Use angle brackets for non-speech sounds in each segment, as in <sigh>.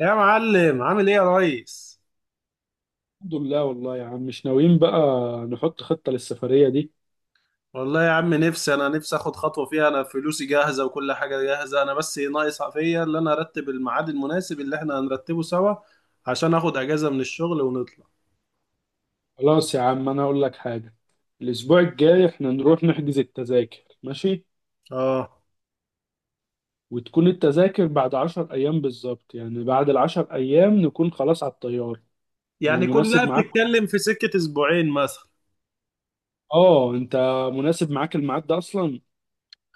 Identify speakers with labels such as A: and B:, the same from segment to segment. A: يا معلم، عامل ايه يا ريس؟
B: الحمد لله والله يا عم مش ناويين بقى نحط خطة للسفرية دي.
A: والله يا عم نفسي، انا نفسي اخد خطوه فيها. انا فلوسي جاهزه وكل حاجه جاهزه. انا بس ناقص فيا اللي انا ارتب الميعاد المناسب اللي احنا هنرتبه سوا، عشان اخد اجازه من الشغل ونطلع.
B: خلاص يا عم أنا أقول لك حاجة. الأسبوع الجاي إحنا نروح نحجز التذاكر، ماشي؟
A: اه،
B: وتكون التذاكر بعد 10 أيام بالظبط، يعني بعد العشر أيام نكون خلاص على الطيارة.
A: يعني
B: مناسب
A: كلها
B: معاك؟
A: بتتكلم في سكه اسبوعين مثلا.
B: أنت مناسب معاك الميعاد ده أصلا؟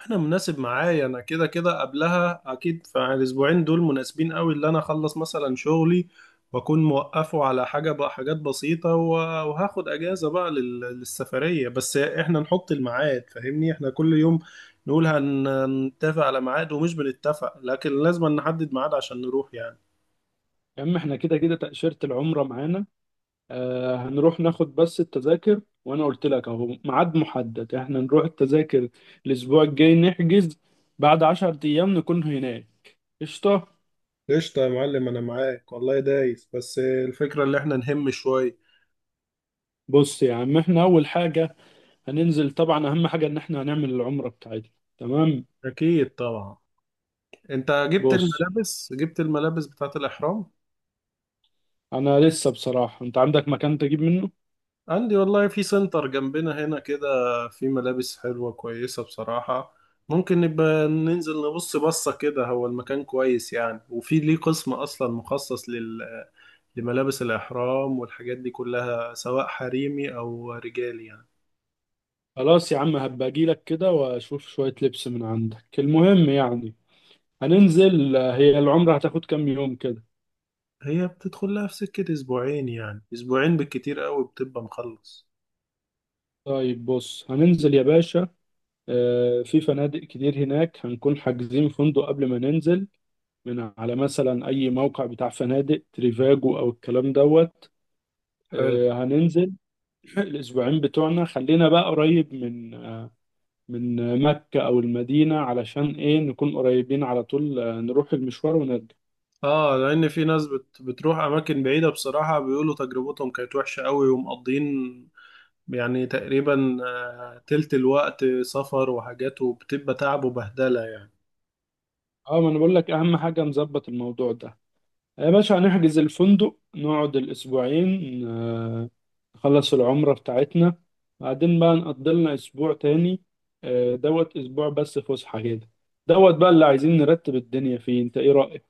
A: انا مناسب معايا، انا كده كده قبلها اكيد، فالاسبوعين دول مناسبين قوي، اللي انا اخلص مثلا شغلي واكون موقفه على حاجه بقى، حاجات بسيطه وهاخد اجازه بقى للسفريه. بس احنا نحط الميعاد، فاهمني؟ احنا كل يوم نقول هنتفق على ميعاد ومش بنتفق، لكن لازم نحدد ميعاد عشان نروح يعني.
B: يا عم إحنا كده كده تأشيرة العمرة معانا. هنروح ناخد بس التذاكر، وانا قلت لك اهو ميعاد محدد، احنا نروح التذاكر الاسبوع الجاي نحجز، بعد 10 ايام نكون هناك. قشطة.
A: قشطة يا معلم، انا معاك والله دايس، بس الفكره اللي احنا نهم شويه.
B: بص يا عم، احنا اول حاجة هننزل طبعا، اهم حاجة ان احنا هنعمل العمرة بتاعتنا. تمام.
A: اكيد طبعا. انت جبت
B: بص،
A: الملابس، جبت الملابس بتاعت الاحرام؟
B: انا لسه بصراحة، انت عندك مكان تجيب منه؟
A: عندي والله، في سنتر جنبنا هنا كده، في ملابس حلوة كويسة بصراحة. ممكن نبقى ننزل نبص بصة كده، هو المكان كويس يعني، وفي ليه قسم أصلا مخصص لل... لملابس الإحرام والحاجات دي كلها، سواء حريمي أو رجالي يعني.
B: خلاص يا عم، هبقى اجيلك كده واشوف شوية لبس من عندك، المهم يعني هننزل. هي العمرة هتاخد كام يوم كده؟
A: هي بتدخل لها في سكة أسبوعين، يعني أسبوعين بالكتير قوي بتبقى مخلص.
B: طيب بص، هننزل يا باشا. في فنادق كتير هناك، هنكون حاجزين فندق قبل ما ننزل من على مثلا أي موقع بتاع فنادق، تريفاجو أو الكلام دوت.
A: حلو.
B: هننزل <clears throat> الأسبوعين بتوعنا خلينا بقى قريب من من مكة أو المدينة، علشان إيه نكون قريبين على طول، نروح المشوار ونرجع.
A: اه، لان في ناس بتروح اماكن بعيده، بصراحه بيقولوا تجربتهم كانت وحشه قوي ومقضين يعني تقريبا آه، تلت الوقت سفر وحاجات، وبتبقى تعب وبهدلة يعني.
B: اه، ما انا بقول لك اهم حاجه نظبط الموضوع ده يا باشا. هنحجز الفندق نقعد الأسبوعين، نخلص العمرة بتاعتنا، بعدين بقى نقضي لنا أسبوع تاني. دوت أسبوع بس فسحة كده، دوت بقى اللي عايزين نرتب الدنيا فيه. أنت إيه رأيك؟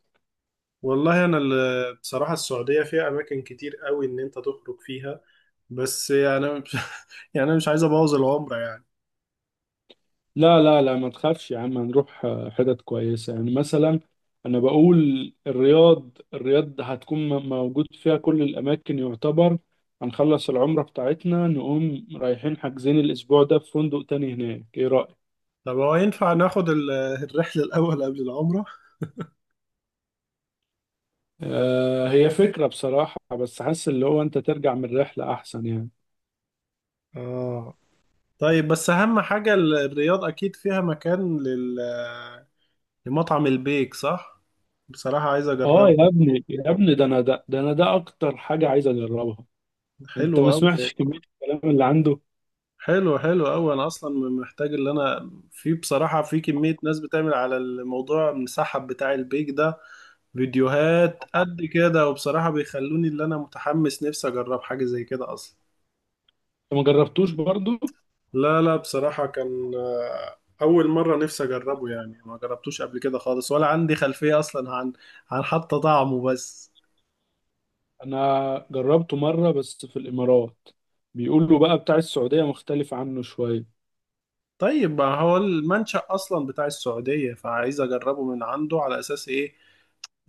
A: والله أنا بصراحة السعودية فيها أماكن كتير قوي إن أنت تخرج فيها، بس يعني <laughs> مش، يعني أنا مش عايز أبوظ العمرة يعني.
B: لا لا لا، ما تخافش يا عم، هنروح حتت كويسة يعني. مثلا أنا بقول الرياض، الرياض هتكون موجود فيها كل الأماكن يعتبر. هنخلص العمرة بتاعتنا نقوم رايحين حاجزين الأسبوع ده في فندق تاني هناك، إيه رأيك؟
A: طب هو ينفع ناخد الرحلة الأول قبل العمرة؟
B: هي فكرة بصراحة، بس حاسس اللي هو انت ترجع من الرحلة احسن يعني.
A: آه. طيب بس أهم حاجة الرياض أكيد فيها مكان لل لمطعم البيك صح؟ بصراحة عايز
B: اه
A: أجربه.
B: يا ابني يا ابني، ده انا ده انا ده اكتر حاجة عايز اجربها. انت
A: حلو
B: ما
A: أوي.
B: سمعتش كمية الكلام اللي عنده انت؟
A: حلو، حلو قوي. انا اصلا محتاج، اللي انا في بصراحه في كميه ناس بتعمل على الموضوع المسحب بتاع البيك ده فيديوهات قد كده، وبصراحه بيخلوني اللي انا متحمس نفسي اجرب حاجه زي كده اصلا.
B: ما جربتوش برضو.
A: لا لا، بصراحه كان آه، اول مره نفسي اجربه يعني، ما جربتوش قبل كده خالص، ولا عندي خلفيه اصلا عن عن حتى طعمه بس.
B: انا جربته مرة بس في الامارات، بيقولوا بقى بتاع السعودية مختلف عنه شوية.
A: طيب، ما هو المنشأ اصلا بتاع السعوديه، فعايز اجربه من عنده على اساس ايه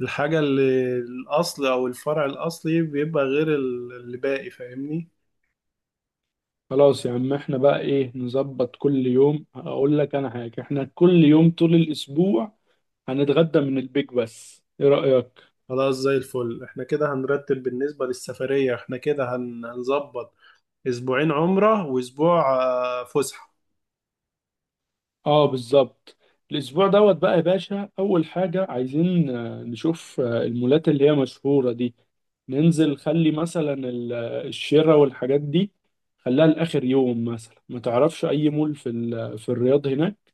A: الحاجة اللي الأصل، أو الفرع الأصلي بيبقى غير اللي باقي، فاهمني؟
B: خلاص يا عم، احنا بقى ايه نظبط؟ كل يوم اقول لك انا حاجة، احنا كل يوم طول الاسبوع هنتغدى من البيك بس، ايه رأيك؟
A: خلاص زي الفل، احنا كده هنرتب بالنسبة للسفرية. احنا كده هنظبط أسبوعين عمرة وأسبوع آه، فسحة.
B: اه بالظبط. الاسبوع دوت بقى يا باشا، اول حاجه عايزين نشوف المولات اللي هي مشهوره دي. ننزل خلي مثلا الشراء والحاجات دي خليها لاخر يوم مثلا. ما تعرفش اي مول في في الرياض هناك؟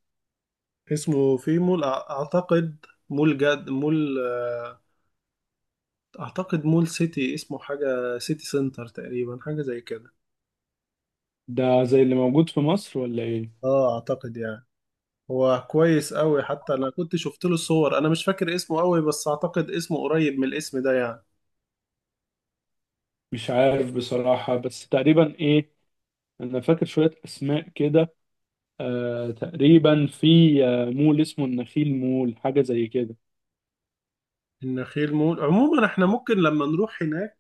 A: اسمه في مول أعتقد مول جد مول آه، أعتقد مول سيتي، اسمه حاجة سيتي سنتر تقريبا، حاجة زي كده.
B: ده زي اللي موجود في مصر ولا ايه؟
A: اه أعتقد يعني. هو كويس أوي، حتى أنا كنت شفت له صور، أنا مش فاكر اسمه أوي بس أعتقد اسمه قريب من الاسم ده يعني.
B: مش عارف بصراحه، بس تقريبا ايه، انا فاكر شويه اسماء كده. آه تقريبا في مول اسمه النخيل مول، حاجه زي كده.
A: النخيل مول. عموما احنا ممكن لما نروح هناك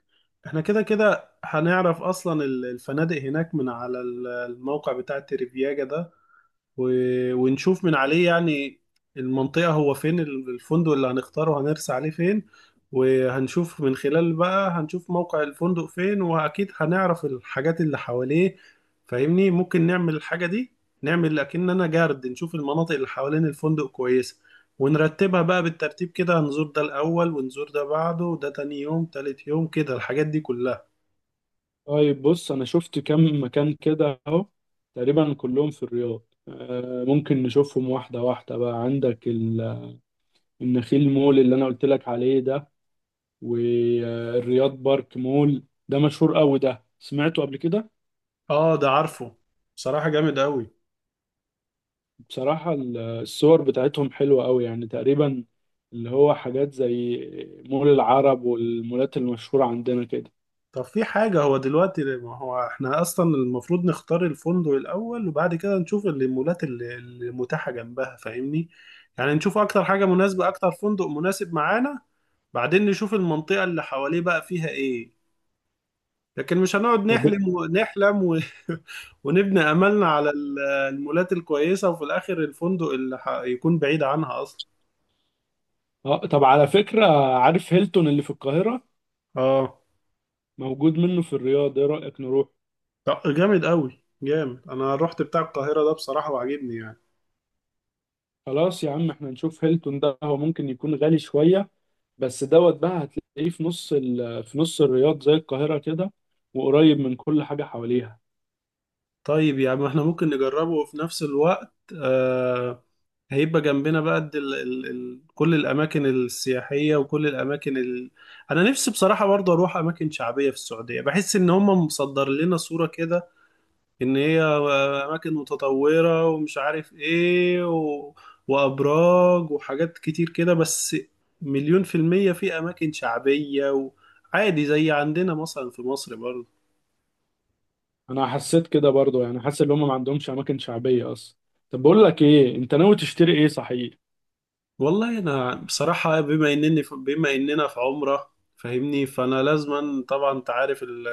A: احنا كده كده هنعرف اصلا الفنادق هناك، من على الموقع بتاع تريفياجا ده، ونشوف من عليه يعني المنطقة، هو فين الفندق اللي هنختاره، هنرسى عليه فين. وهنشوف من خلال بقى، هنشوف موقع الفندق فين، وأكيد هنعرف الحاجات اللي حواليه، فاهمني؟ ممكن نعمل الحاجة دي، نعمل أكننا جارد، نشوف المناطق اللي حوالين الفندق كويسة، ونرتبها بقى بالترتيب كده. هنزور ده الأول، ونزور ده بعده، ده تاني يوم، تالت يوم كده، الحاجات دي كلها.
B: طيب بص، انا شفت كم مكان كده اهو تقريبا كلهم في الرياض. ممكن نشوفهم واحده واحده بقى. عندك النخيل مول اللي انا قلت لك عليه ده، والرياض بارك مول، ده مشهور قوي، ده سمعته قبل كده.
A: اه ده عارفه، بصراحة جامد أوي.
B: بصراحه الصور بتاعتهم حلوه قوي يعني، تقريبا اللي هو حاجات زي مول العرب والمولات المشهوره عندنا كده.
A: طب في حاجة، هو دلوقتي ما هو احنا اصلا المفروض نختار الفندق الاول، وبعد كده نشوف المولات اللي متاحة جنبها، فاهمني؟ يعني نشوف اكتر حاجة مناسبة، اكتر فندق مناسب معانا، بعدين نشوف المنطقة اللي حواليه بقى فيها ايه. لكن مش هنقعد
B: طب
A: نحلم ونحلم و... <laughs> ونبني املنا على المولات الكويسة، وفي الاخر الفندق اللي ح... يكون بعيد عنها اصلا.
B: اه، طب على فكره، عارف هيلتون اللي في القاهره؟
A: اه.
B: موجود منه في الرياض، ايه رايك نروح؟
A: طب جامد قوي، جامد. انا رحت بتاع القاهرة ده بصراحة وعجبني يعني.
B: خلاص يا عم، احنا نشوف هيلتون ده. هو ممكن يكون غالي شوية، بس دوت بقى هتلاقيه في نص الرياض زي القاهرة كده، وقريب من كل حاجة حواليها.
A: طيب يا عم، احنا ممكن نجربه، وفي نفس الوقت آه، هيبقى جنبنا بقى قد ال كل الأماكن السياحية، وكل الأماكن ال... أنا نفسي بصراحة برضه أروح أماكن شعبية في السعودية، بحس إن هم مصدر لنا صورة كده إن هي آه، أماكن متطورة ومش عارف إيه و... وأبراج وحاجات كتير كده، بس مليون في المية في أماكن شعبية، وعادي زي عندنا مثلا في مصر برضه.
B: انا حسيت كده برضو، يعني حاسس ان هم ما عندهمش اماكن شعبية اصلا. طب بقول لك ايه، انت ناوي تشتري ايه صحيح؟
A: والله انا بصراحه، بما انني في بما اننا في عمره فاهمني، فانا لازما طبعا انت عارف ال،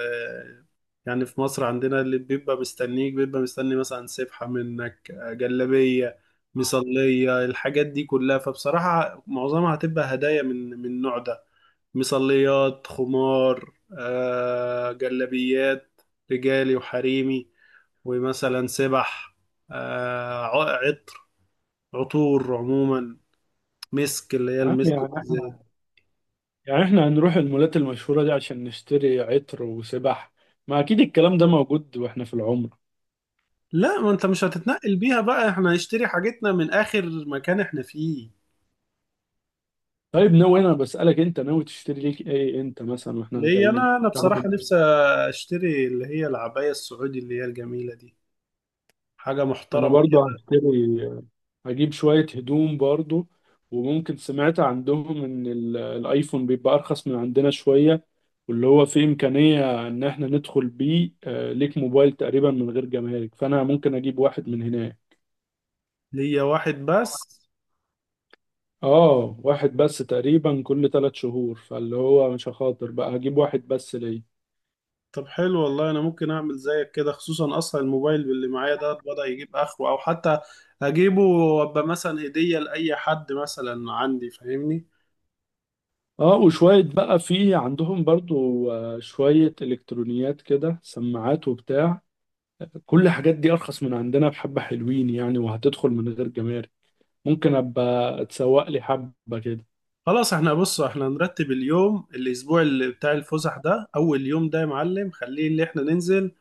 A: يعني في مصر عندنا اللي بيبقى مستنيك، بيبقى مستني مثلا سبحه منك، جلابيه، مصليه، الحاجات دي كلها. فبصراحه معظمها هتبقى هدايا من النوع ده. مصليات، خمار، آه جلابيات، رجالي وحريمي، ومثلا سبح، آه عطر، عطور عموما، مسك اللي هي
B: يا عم
A: المسك بالزيت.
B: يعني احنا هنروح المولات المشهورة دي عشان نشتري عطر وسبح؟ ما اكيد الكلام ده موجود واحنا في العمرة.
A: لا، ما انت مش هتتنقل بيها بقى، احنا هنشتري حاجتنا من اخر مكان احنا فيه.
B: طيب ناوي، انا بسألك انت ناوي تشتري ليك ايه انت مثلا واحنا
A: ليه؟
B: راجعين؟
A: انا
B: طب
A: بصراحة نفسي اشتري اللي هي العباية السعودي، اللي هي الجميلة دي، حاجة
B: انا
A: محترمة.
B: برضو هشتري، هجيب شوية هدوم برضو، وممكن سمعت عندهم إن الآيفون بيبقى أرخص من عندنا شوية، واللي هو فيه إمكانية إن إحنا ندخل بيه، ليك موبايل تقريبا من غير جمارك، فأنا ممكن أجيب واحد من هناك.
A: ليا واحد بس.
B: آه واحد بس تقريبا كل 3 شهور، فاللي هو مش هخاطر بقى، هجيب واحد بس ليا.
A: طب حلو والله، انا ممكن اعمل زيك كده، خصوصا اصلا الموبايل اللي معايا ده بدأ يجيب اخره، او حتى اجيبه وابقى مثلا هدية لاي حد مثلا عندي، فاهمني؟
B: آه، وشوية بقى في عندهم برضو شوية إلكترونيات كده، سماعات وبتاع، كل الحاجات دي أرخص من عندنا بحبة، حلوين يعني وهتدخل من غير جمارك. ممكن ابقى اتسوق لي حبه كده.
A: خلاص احنا بص، احنا نرتب اليوم الاسبوع اللي بتاع الفسح ده. اول يوم ده يا معلم خليه اللي احنا ننزل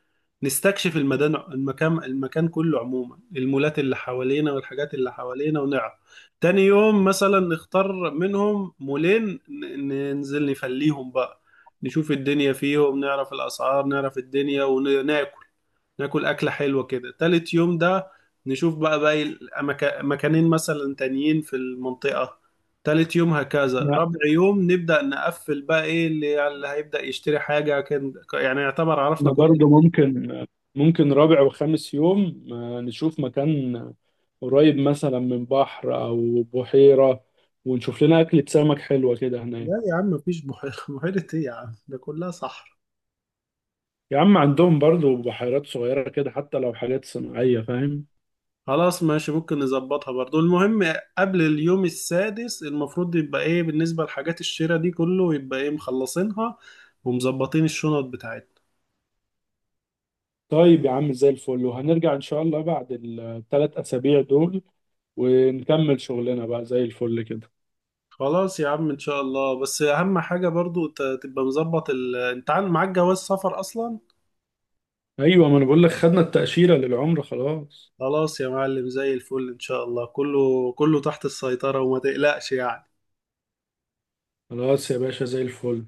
A: نستكشف المدن، المكان المكان كله عموما، المولات اللي حوالينا والحاجات اللي حوالينا ونعرف. تاني يوم مثلا نختار منهم مولين، ننزل نفليهم بقى، نشوف الدنيا فيهم، نعرف الاسعار، نعرف الدنيا، وناكل، ناكل أكلة حلوة كده. تالت يوم ده نشوف بقى باقي مكانين مثلا تانيين في المنطقة. تالت يوم هكذا،
B: احنا
A: رابع يوم نبدأ نقفل بقى إيه، اللي هيبدأ يشتري حاجة كان يعني، يعتبر عرفنا
B: احنا
A: كل.
B: برضه ممكن، رابع وخامس يوم نشوف مكان قريب مثلا من بحر او بحيره، ونشوف لنا اكلة سمك حلوه كده هناك.
A: لا يا عم، مفيش بحيرة <laughs> بحيرة إيه يا عم، ده كلها صحراء.
B: يا عم، عندهم برضه بحيرات صغيره كده، حتى لو حاجات صناعيه، فاهم؟
A: خلاص ماشي، ممكن نظبطها برضو. المهم قبل اليوم السادس المفروض يبقى إيه بالنسبة لحاجات الشراء دي، كله يبقى إيه مخلصينها، ومظبطين الشنط بتاعتنا.
B: طيب يا عم زي الفل، وهنرجع ان شاء الله بعد الثلاث اسابيع دول ونكمل شغلنا بقى زي الفل كده.
A: خلاص يا عم ان شاء الله. بس اهم حاجة برضو تبقى مظبط ال... انت معاك جواز سفر اصلا؟
B: ايوه، ما انا بقول لك خدنا التأشيرة للعمرة خلاص.
A: خلاص يا معلم زي الفل، ان شاء الله كله، كله تحت السيطرة، وما تقلقش يعني.
B: خلاص يا باشا، زي الفل.